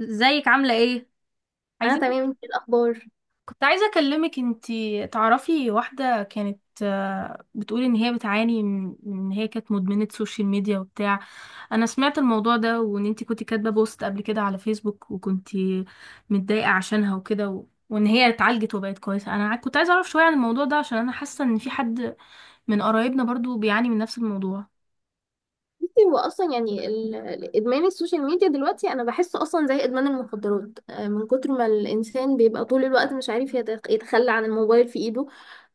ازيك عاملة ايه؟ انا تمام، عايزين. انت إيه الاخبار؟ كنت عايزة أكلمك، انتي تعرفي واحدة كانت، بتقول ان هي بتعاني من ان هي كانت مدمنة سوشيال ميديا وبتاع. انا سمعت الموضوع ده، وان انتي كنتي كاتبة بوست قبل كده على فيسبوك، وكنتي متضايقة عشانها وكده، وان هي اتعالجت وبقت كويسة. انا كنت عايزة اعرف شوية عن الموضوع ده، عشان انا حاسة ان في حد من قرايبنا برضو بيعاني من نفس الموضوع. بصي، هو اصلا يعني ادمان السوشيال ميديا دلوقتي انا بحسه اصلا زي ادمان المخدرات. من كتر ما الانسان بيبقى طول الوقت مش عارف يتخلى عن الموبايل في ايده.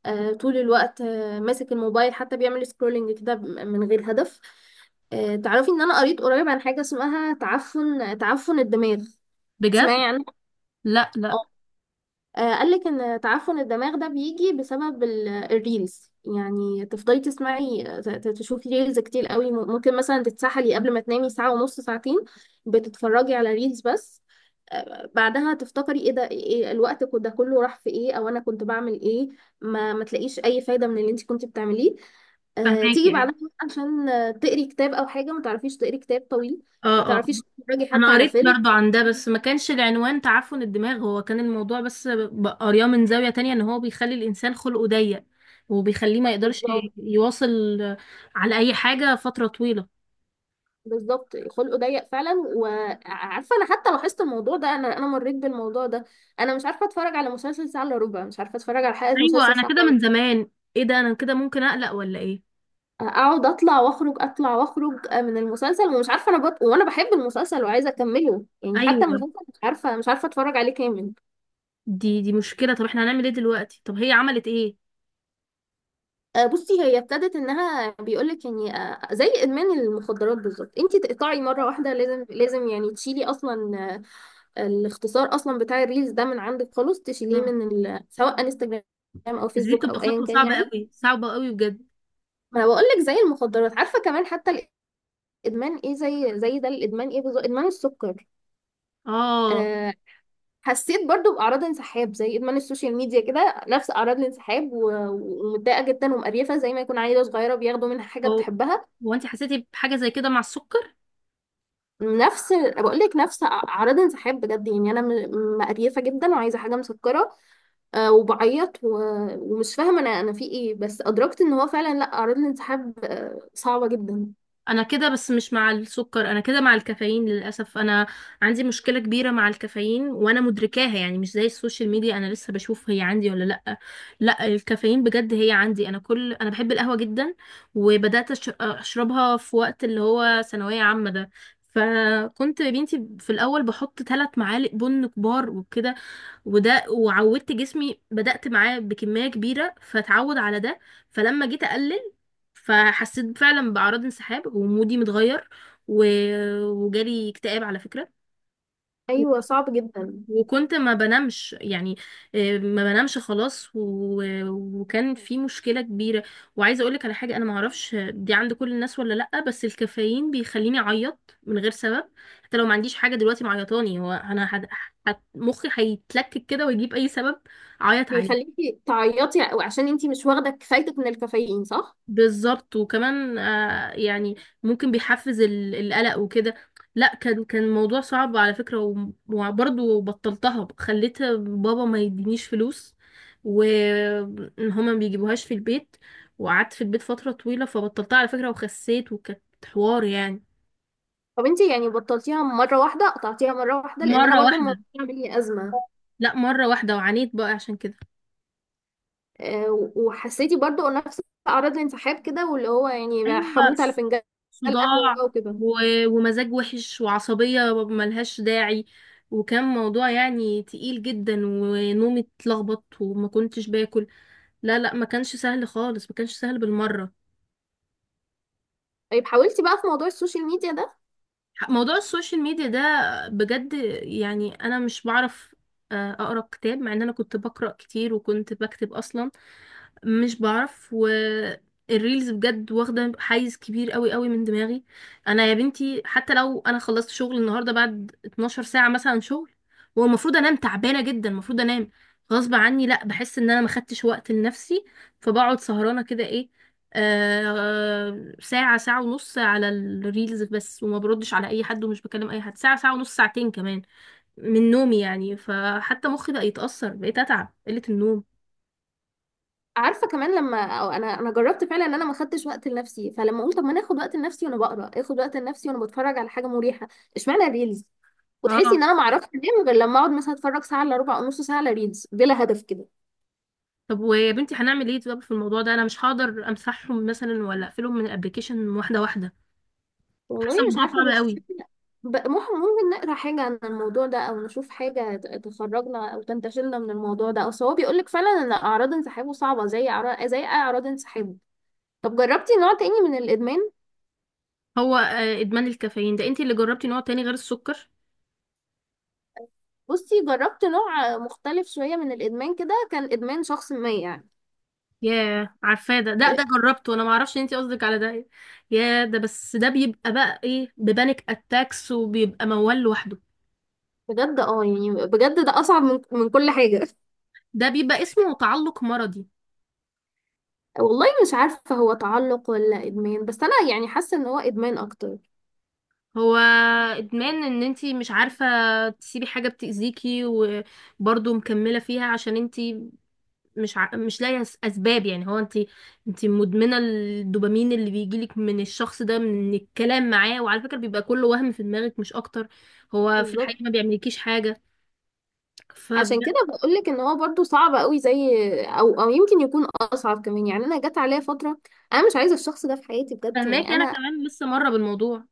طول الوقت ماسك الموبايل، حتى بيعمل سكرولنج كده من غير هدف. تعرفي ان انا قريت قريب عن حاجه اسمها تعفن الدماغ؟ بجد؟ تسمعي عنها؟ لا، لا. آه. قالك ان تعفن الدماغ ده بيجي بسبب الريلز. يعني تفضلي تسمعي تشوفي ريلز كتير قوي، ممكن مثلا تتسحلي قبل ما تنامي ساعة ونص، ساعتين. بتتفرجي على ريلز بس. بعدها تفتكري ايه ده، إيه الوقت ده كله راح في ايه، او انا كنت بعمل ايه. ما تلاقيش اي فايدة من اللي انت كنت بتعمليه. تيجي فهماكي. بعدها عشان تقري كتاب او حاجة، ما تعرفيش تقري كتاب طويل، ما اه، اه. تعرفيش تتفرجي حتى انا على قريت فيلم. برضو عن ده، بس ما كانش العنوان تعفن الدماغ، هو كان الموضوع، بس قرياه من زاوية تانية ان هو بيخلي الانسان خلقه ضيق، وبيخليه ما يقدرش بالظبط، يواصل على اي حاجة فترة طويلة. بالظبط خلقه ضيق فعلا، وعارفه، انا حتى لاحظت الموضوع ده، انا مريت بالموضوع ده. انا مش عارفه اتفرج على مسلسل ساعه الا ربع، مش عارفه اتفرج على حلقه ايوه، مسلسل انا ساعه كده الا من ربع. زمان. ايه ده، انا كده؟ ممكن اقلق ولا ايه؟ اقعد اطلع واخرج، اطلع واخرج من المسلسل، ومش عارفه انا وانا بحب المسلسل وعايزه اكمله يعني، حتى ايوه. المسلسل مش عارفه اتفرج عليه كامل. دي مشكلة، طب احنا هنعمل ايه دلوقتي؟ طب هي عملت ايه؟ بصي، هي ابتدت انها بيقولك يعني، زي ادمان المخدرات بالظبط، انت تقطعي مره واحده، لازم لازم يعني تشيلي اصلا الاختصار اصلا بتاع الريلز ده من عندك خالص، تشيليه مم. من سواء انستجرام او بس دي فيسبوك بتبقى او ايا خطوة كان صعبة يعني. قوي صعبة قوي بجد. ما بقول لك زي المخدرات، عارفه كمان حتى الادمان ايه، زي ده الادمان ايه، بالظبط ادمان السكر. اه. أه. حسيت برضو باعراض انسحاب زي ادمان السوشيال ميديا كده، نفس اعراض الانسحاب ومتضايقه جدا ومقريفه، زي ما يكون عيله صغيره بياخدوا منها حاجه هو بتحبها. هو انت حسيتي بحاجة زي كده مع السكر؟ نفس... بقول لك نفس اعراض انسحاب بجد يعني، انا مقريفه جدا وعايزه حاجه مسكره. وبعيط ومش فاهمه انا في ايه، بس ادركت ان هو فعلا، لا، اعراض الانسحاب صعبه جدا. انا كده، بس مش مع السكر، انا كده مع الكافيين. للاسف انا عندي مشكله كبيره مع الكافيين، وانا مدركاها، يعني مش زي السوشيال ميديا انا لسه بشوف هي عندي ولا لا. لا، الكافيين بجد هي عندي. انا بحب القهوه جدا، وبدات اشربها في وقت اللي هو ثانويه عامه ده، فكنت يا بنتي في الاول بحط 3 معالق بن كبار وكده، وده وعودت جسمي، بدأت معاه بكمية كبيرة فتعود على ده، فلما جيت أقلل فحسيت فعلا بأعراض انسحاب ومودي متغير، و... وجالي اكتئاب على فكرة. ايوه، صعب جدا. وكنت ما بنامش يعني، ما بنامش خلاص، وكان في مشكلة كبيرة. وعايزة اقولك على حاجة، انا ما اعرفش دي عند كل الناس ولا لأ، بس الكافيين بيخليني اعيط من غير سبب. حتى لو ما عنديش حاجة دلوقتي معيطاني، هو انا مخي هيتلكك كده ويجيب اي سبب اعيط عليه. بيخليكي تعيطي، وعشان انتي مش واخده كفايتك من الكافيين، صح؟ بالظبط. وكمان يعني ممكن بيحفز القلق وكده. لا، كان موضوع صعب على فكرة، وبرضه بطلتها، خليت بابا ما يدينيش فلوس، وهما ما بيجيبوهاش في البيت، وقعدت في البيت فترة طويلة فبطلتها على فكرة، وخسيت، وكانت حوار يعني. طب انتي يعني بطلتيها مره واحده، قطعتيها مره واحده، لان انا مرة برضو الموضوع واحدة. عامل لي ازمه. لا مرة واحدة، وعانيت بقى عشان كده. وحسيتي برضو نفس اعراض الانسحاب كده، واللي هو يعني ايوه. هموت على فنجان القهوه صداع، بقى وكده. ومزاج وحش وعصبية ملهاش داعي، وكان موضوع يعني تقيل جدا، ونومي اتلخبط، وما كنتش باكل. لا لا، ما كانش سهل خالص، ما كانش سهل بالمرة. طيب، حاولتي بقى في موضوع السوشيال ميديا ده؟ موضوع السوشيال ميديا ده. بجد، يعني انا مش بعرف اقرا كتاب، مع ان انا كنت بقرا كتير وكنت بكتب اصلا. مش بعرف، والريلز بجد واخدة حيز كبير قوي قوي من دماغي. انا يا بنتي حتى لو انا خلصت شغل النهاردة بعد 12 ساعة مثلا شغل، والمفروض انام تعبانة جدا، المفروض انام غصب عني، لا بحس ان انا ما خدتش وقت لنفسي، فبقعد سهرانة كده ايه، ساعة ساعة ونص على الريلز بس، وما بردش على اي حد ومش بكلم اي حد، ساعة ساعة ونص ساعتين كمان من نومي يعني، فحتى مخي بقى يتأثر، بقيت اتعب قلة النوم. عارفه كمان، لما أو انا جربت فعلا ان انا ما خدتش وقت لنفسي، فلما قلت طب ما انا اخد وقت لنفسي وانا بقرا، اخد وقت لنفسي وانا بتفرج على حاجه مريحه، اشمعنى الريلز؟ وتحسي اه. ان انا ما اعرفش انام غير لما اقعد مثلا اتفرج ساعه الا ربع او نص ساعه على ريلز بلا هدف كده. طب ويا بنتي هنعمل ايه؟ طب في الموضوع ده انا مش هقدر امسحهم مثلا، ولا اقفلهم من الابليكيشن واحده واحده. والله حاسه مش الموضوع عارفه، صعب بس قوي. ممكن نقرا حاجه عن الموضوع ده او نشوف حاجه تخرجنا او تنتشلنا من الموضوع ده، اصل هو بيقول لك فعلا ان اعراض انسحابه صعبه، زي اعراض انسحاب. طب جربتي نوع تاني من الادمان؟ هو ادمان الكافيين ده، انتي اللي جربتي نوع تاني غير السكر؟ بصي، جربت نوع مختلف شوية من الإدمان كده، كان إدمان شخص ما يعني ياه عارفاه ب- ده جربته، انا ما اعرفش انتي قصدك على ده؟ يا ده، بس ده بيبقى بقى ايه، ببانيك اتاكس، وبيبقى موال لوحده. بجد، اه، يعني بجد ده أصعب من كل حاجة. ده بيبقى اسمه تعلق مرضي. والله مش عارفة، هو تعلق ولا إدمان، بس أنا يعني حاسة إن هو إدمان أكتر. هو ادمان، ان انتي مش عارفه تسيبي حاجه بتاذيكي، وبرضه مكمله فيها، عشان انتي مش لاقيه اسباب، يعني هو انت مدمنه الدوبامين اللي بيجيلك من الشخص ده، من الكلام معاه، وعلى فكره بيبقى كله وهم في دماغك مش اكتر. هو في بالظبط. الحقيقه ما بيعملكيش حاجه. عشان ففهماكي. كده بقولك إن هو برضو صعب قوي، زي أو يمكن يكون أصعب كمان، يعني أنا جت عليا فترة أنا مش عايزة الشخص ده في حياتي، بجد انا يعني أنا كمان لسه مره بالموضوع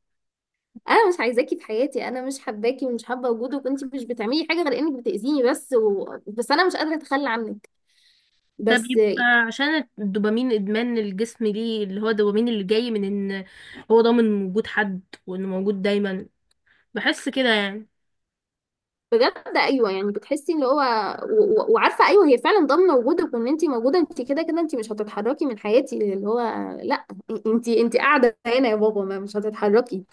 أنا مش عايزاكي في حياتي، أنا مش حباكي ومش حابة وجودك، وأنتي مش بتعملي حاجة غير إنك بتأذيني بس بس أنا مش قادرة أتخلى عنك. ده، بس بيبقى عشان الدوبامين ادمان الجسم ليه، اللي هو الدوبامين اللي جاي من ان هو ضامن وجود حد، وانه موجود دايما، بحس كده يعني. بجد، ايوه يعني بتحسي ان هو وعارفه، ايوه هي فعلا ضامنه وجودك وان انت موجوده، انت كده كده انت مش هتتحركي من حياتي، اللي هو لا، انت قاعده هنا يا بابا، ما مش هتتحركي.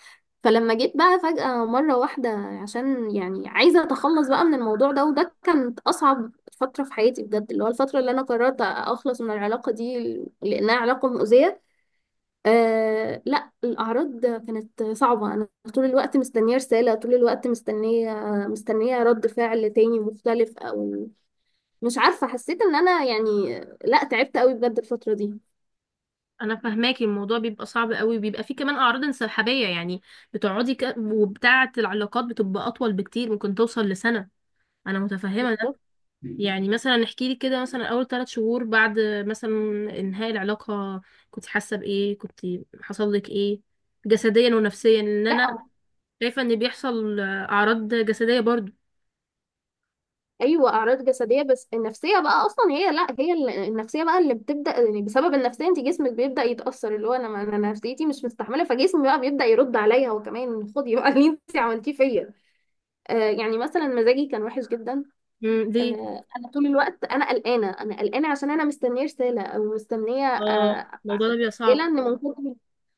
فلما جيت بقى فجأة مرة واحدة، عشان يعني عايزة أتخلص بقى من الموضوع ده، وده كانت أصعب فترة في حياتي بجد، اللي هو الفترة اللي أنا قررت أخلص من العلاقة دي، لأنها علاقة مؤذية. آه لا، الأعراض كانت صعبة، أنا طول الوقت مستنية رسالة، طول الوقت مستنية، مستنية رد فعل تاني مختلف، أو مش عارفة، حسيت إن أنا يعني، لا، تعبت قوي بجد الفترة دي. انا فهماكي، الموضوع بيبقى صعب قوي، بيبقى فيه كمان اعراض انسحابيه، يعني بتقعدي وبتاعه العلاقات بتبقى اطول بكتير، ممكن توصل لسنه. انا متفهمه ده. بالظبط. مم. يعني مثلا احكي لي كده، مثلا اول 3 شهور بعد مثلا انهاء العلاقه، كنت حاسه بايه، كنت حصل لك ايه جسديا ونفسيا، لان لا انا أهو. شايفه ان بيحصل اعراض جسديه برضو. أيوة، أعراض جسدية، بس النفسية بقى أصلا هي، لا، هي النفسية بقى اللي بتبدأ، يعني بسبب النفسية أنت جسمك بيبدأ يتأثر، اللي هو أنا نفسيتي مش مستحملة فجسمي بقى بيبدأ يرد عليا هو كمان، خدي بقى اللي أنت عملتيه فيا. يعني مثلا مزاجي كان وحش جدا. ليه؟ انا طول الوقت انا قلقانه، عشان انا مستنيه رساله او مستنيه اه، الموضوع ده بيبقى صعب. متخيله ان من كتر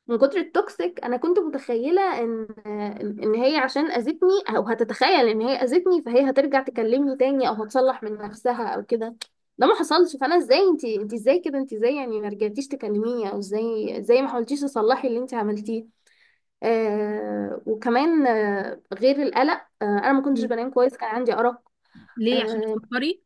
من كتر التوكسيك، انا كنت متخيله ان هي عشان اذتني، او هتتخيل ان هي اذتني فهي هترجع تكلمني تاني او هتصلح من نفسها او كده. ده ما حصلش، فانا ازاي، انت ازاي كده، انت ازاي يعني ما رجعتيش تكلميني، او ازاي ما حاولتيش تصلحي اللي انت عملتيه. وكمان، غير القلق، انا ما كنتش مم. بنام كويس، كان عندي ارق. ليه، عشان آه، بتفكري؟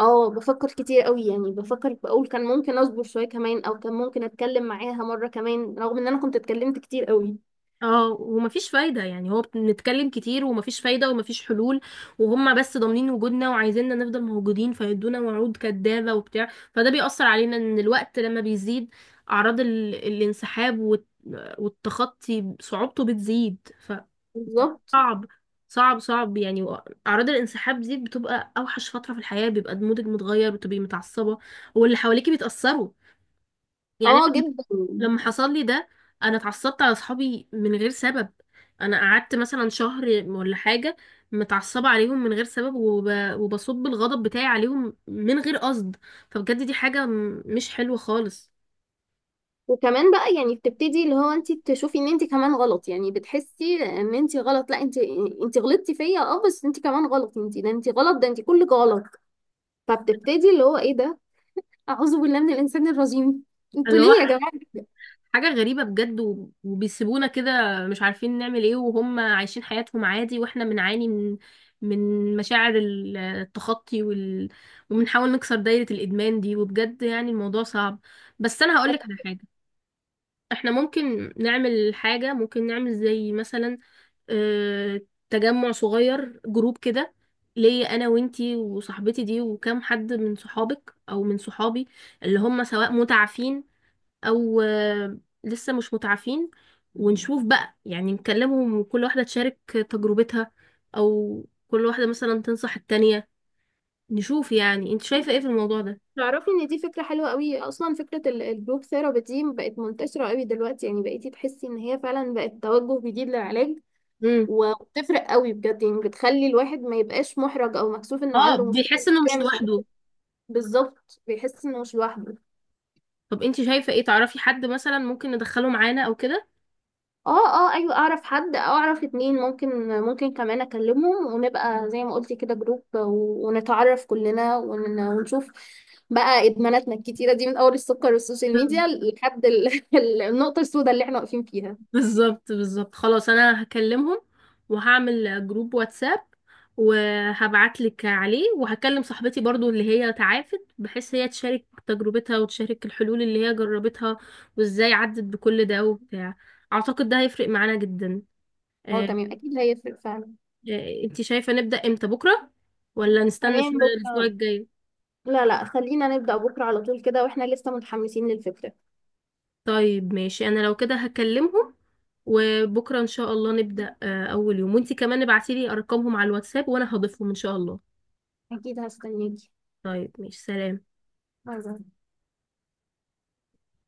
اه، بفكر كتير قوي، يعني بفكر بقول كان ممكن اصبر شويه كمان، او كان ممكن اتكلم معاها مره كمان، رغم ان انا كنت اتكلمت كتير قوي. اه. ومفيش فايدة يعني، هو بنتكلم كتير ومفيش فايدة ومفيش حلول، وهم بس ضامنين وجودنا وعايزيننا نفضل موجودين، فيدونا وعود كدابة وبتاع، فده بيأثر علينا، ان الوقت لما بيزيد أعراض الانسحاب والتخطي، صعوبته بتزيد فصعب. بالظبط. صعب، صعب، صعب يعني. أعراض الانسحاب دي بتبقى أوحش فترة في الحياة، بيبقى مودك متغير، وتبقي متعصبة، واللي حواليكي بيتأثروا يعني. اه، جدا. لما حصل لي ده انا اتعصبت على اصحابي من غير سبب، انا قعدت مثلا شهر ولا حاجه متعصبه عليهم من غير سبب، وبصب الغضب بتاعي عليهم من غير قصد، فبجد دي حاجه مش حلوه خالص. وكمان بقى يعني بتبتدي، اللي هو انت تشوفي ان انت كمان غلط، يعني بتحسي ان انت غلط، لا انت، انت غلطتي فيا، اه، بس انت كمان غلط، انت غلط، ده انت كلك غلط. فبتبتدي اللي هو ايه ده، اعوذ بالله من الانسان الرجيم! انتوا اللي هو ليه يا جماعه؟ حاجه غريبه بجد، وبيسيبونا كده، مش عارفين نعمل ايه، وهم عايشين حياتهم عادي، واحنا بنعاني من مشاعر التخطي وبنحاول نكسر دايره الادمان دي، وبجد يعني الموضوع صعب. بس انا هقولك على حاجه، احنا ممكن نعمل حاجة، ممكن نعمل زي مثلا آه، تجمع صغير، جروب كده، ليا انا وانتي وصاحبتي دي وكام حد من صحابك او من صحابي، اللي هم سواء متعافين او لسه مش متعافين، ونشوف بقى يعني نكلمهم، وكل واحدة تشارك تجربتها، او كل واحدة مثلا تنصح التانية. نشوف يعني انت شايفة ايه في الموضوع ده. تعرفي ان دي فكرة حلوة قوي اصلا، فكرة الجروب ثيرابي دي بقت منتشرة قوي دلوقتي، يعني بقيتي تحسي ان هي فعلا بقت توجه جديد للعلاج، امم. وبتفرق قوي بجد، يعني بتخلي الواحد ما يبقاش محرج او مكسوف انه اه، عنده مشكلة بيحس انه نفسية مش مش لوحده. عارف. بالظبط، بيحس انه مش لوحده. طب انت شايفة ايه، تعرفي حد مثلا ممكن ندخله معانا او كده؟ اه، اه، ايوه اعرف حد او اعرف اتنين، ممكن، ممكن كمان اكلمهم، ونبقى زي ما قلتي كده جروب ونتعرف كلنا ونشوف بقى ادماناتنا الكتيرة دي، من اول السكر والسوشيال ميديا لحد النقطة السوداء اللي احنا واقفين فيها. بالظبط، بالظبط، خلاص انا هكلمهم وهعمل جروب واتساب وهبعتلك عليه، وهكلم صاحبتي برضو اللي هي تعافت، بحيث هي تشارك تجربتها وتشارك الحلول اللي هي جربتها، وازاي عدت بكل ده وبتاع. اعتقد ده هيفرق معانا جدا. اه، اه، تمام، اكيد هيفرق فعلا. اه. انت شايفة نبدأ امتى؟ بكرة ولا نستنى تمام، شوية الاسبوع بكرة؟ الجاي؟ لا، لا، خلينا نبدأ بكرة على طول كده واحنا لسه متحمسين للفكرة. طيب ماشي، انا لو كده هكلمهم، وبكره ان شاء الله نبدأ اول يوم، وانتي كمان ابعتيلي ارقامهم على الواتساب، وانا هضيفهم ان شاء الله. اكيد، هستناكي. طيب ماشي، سلام.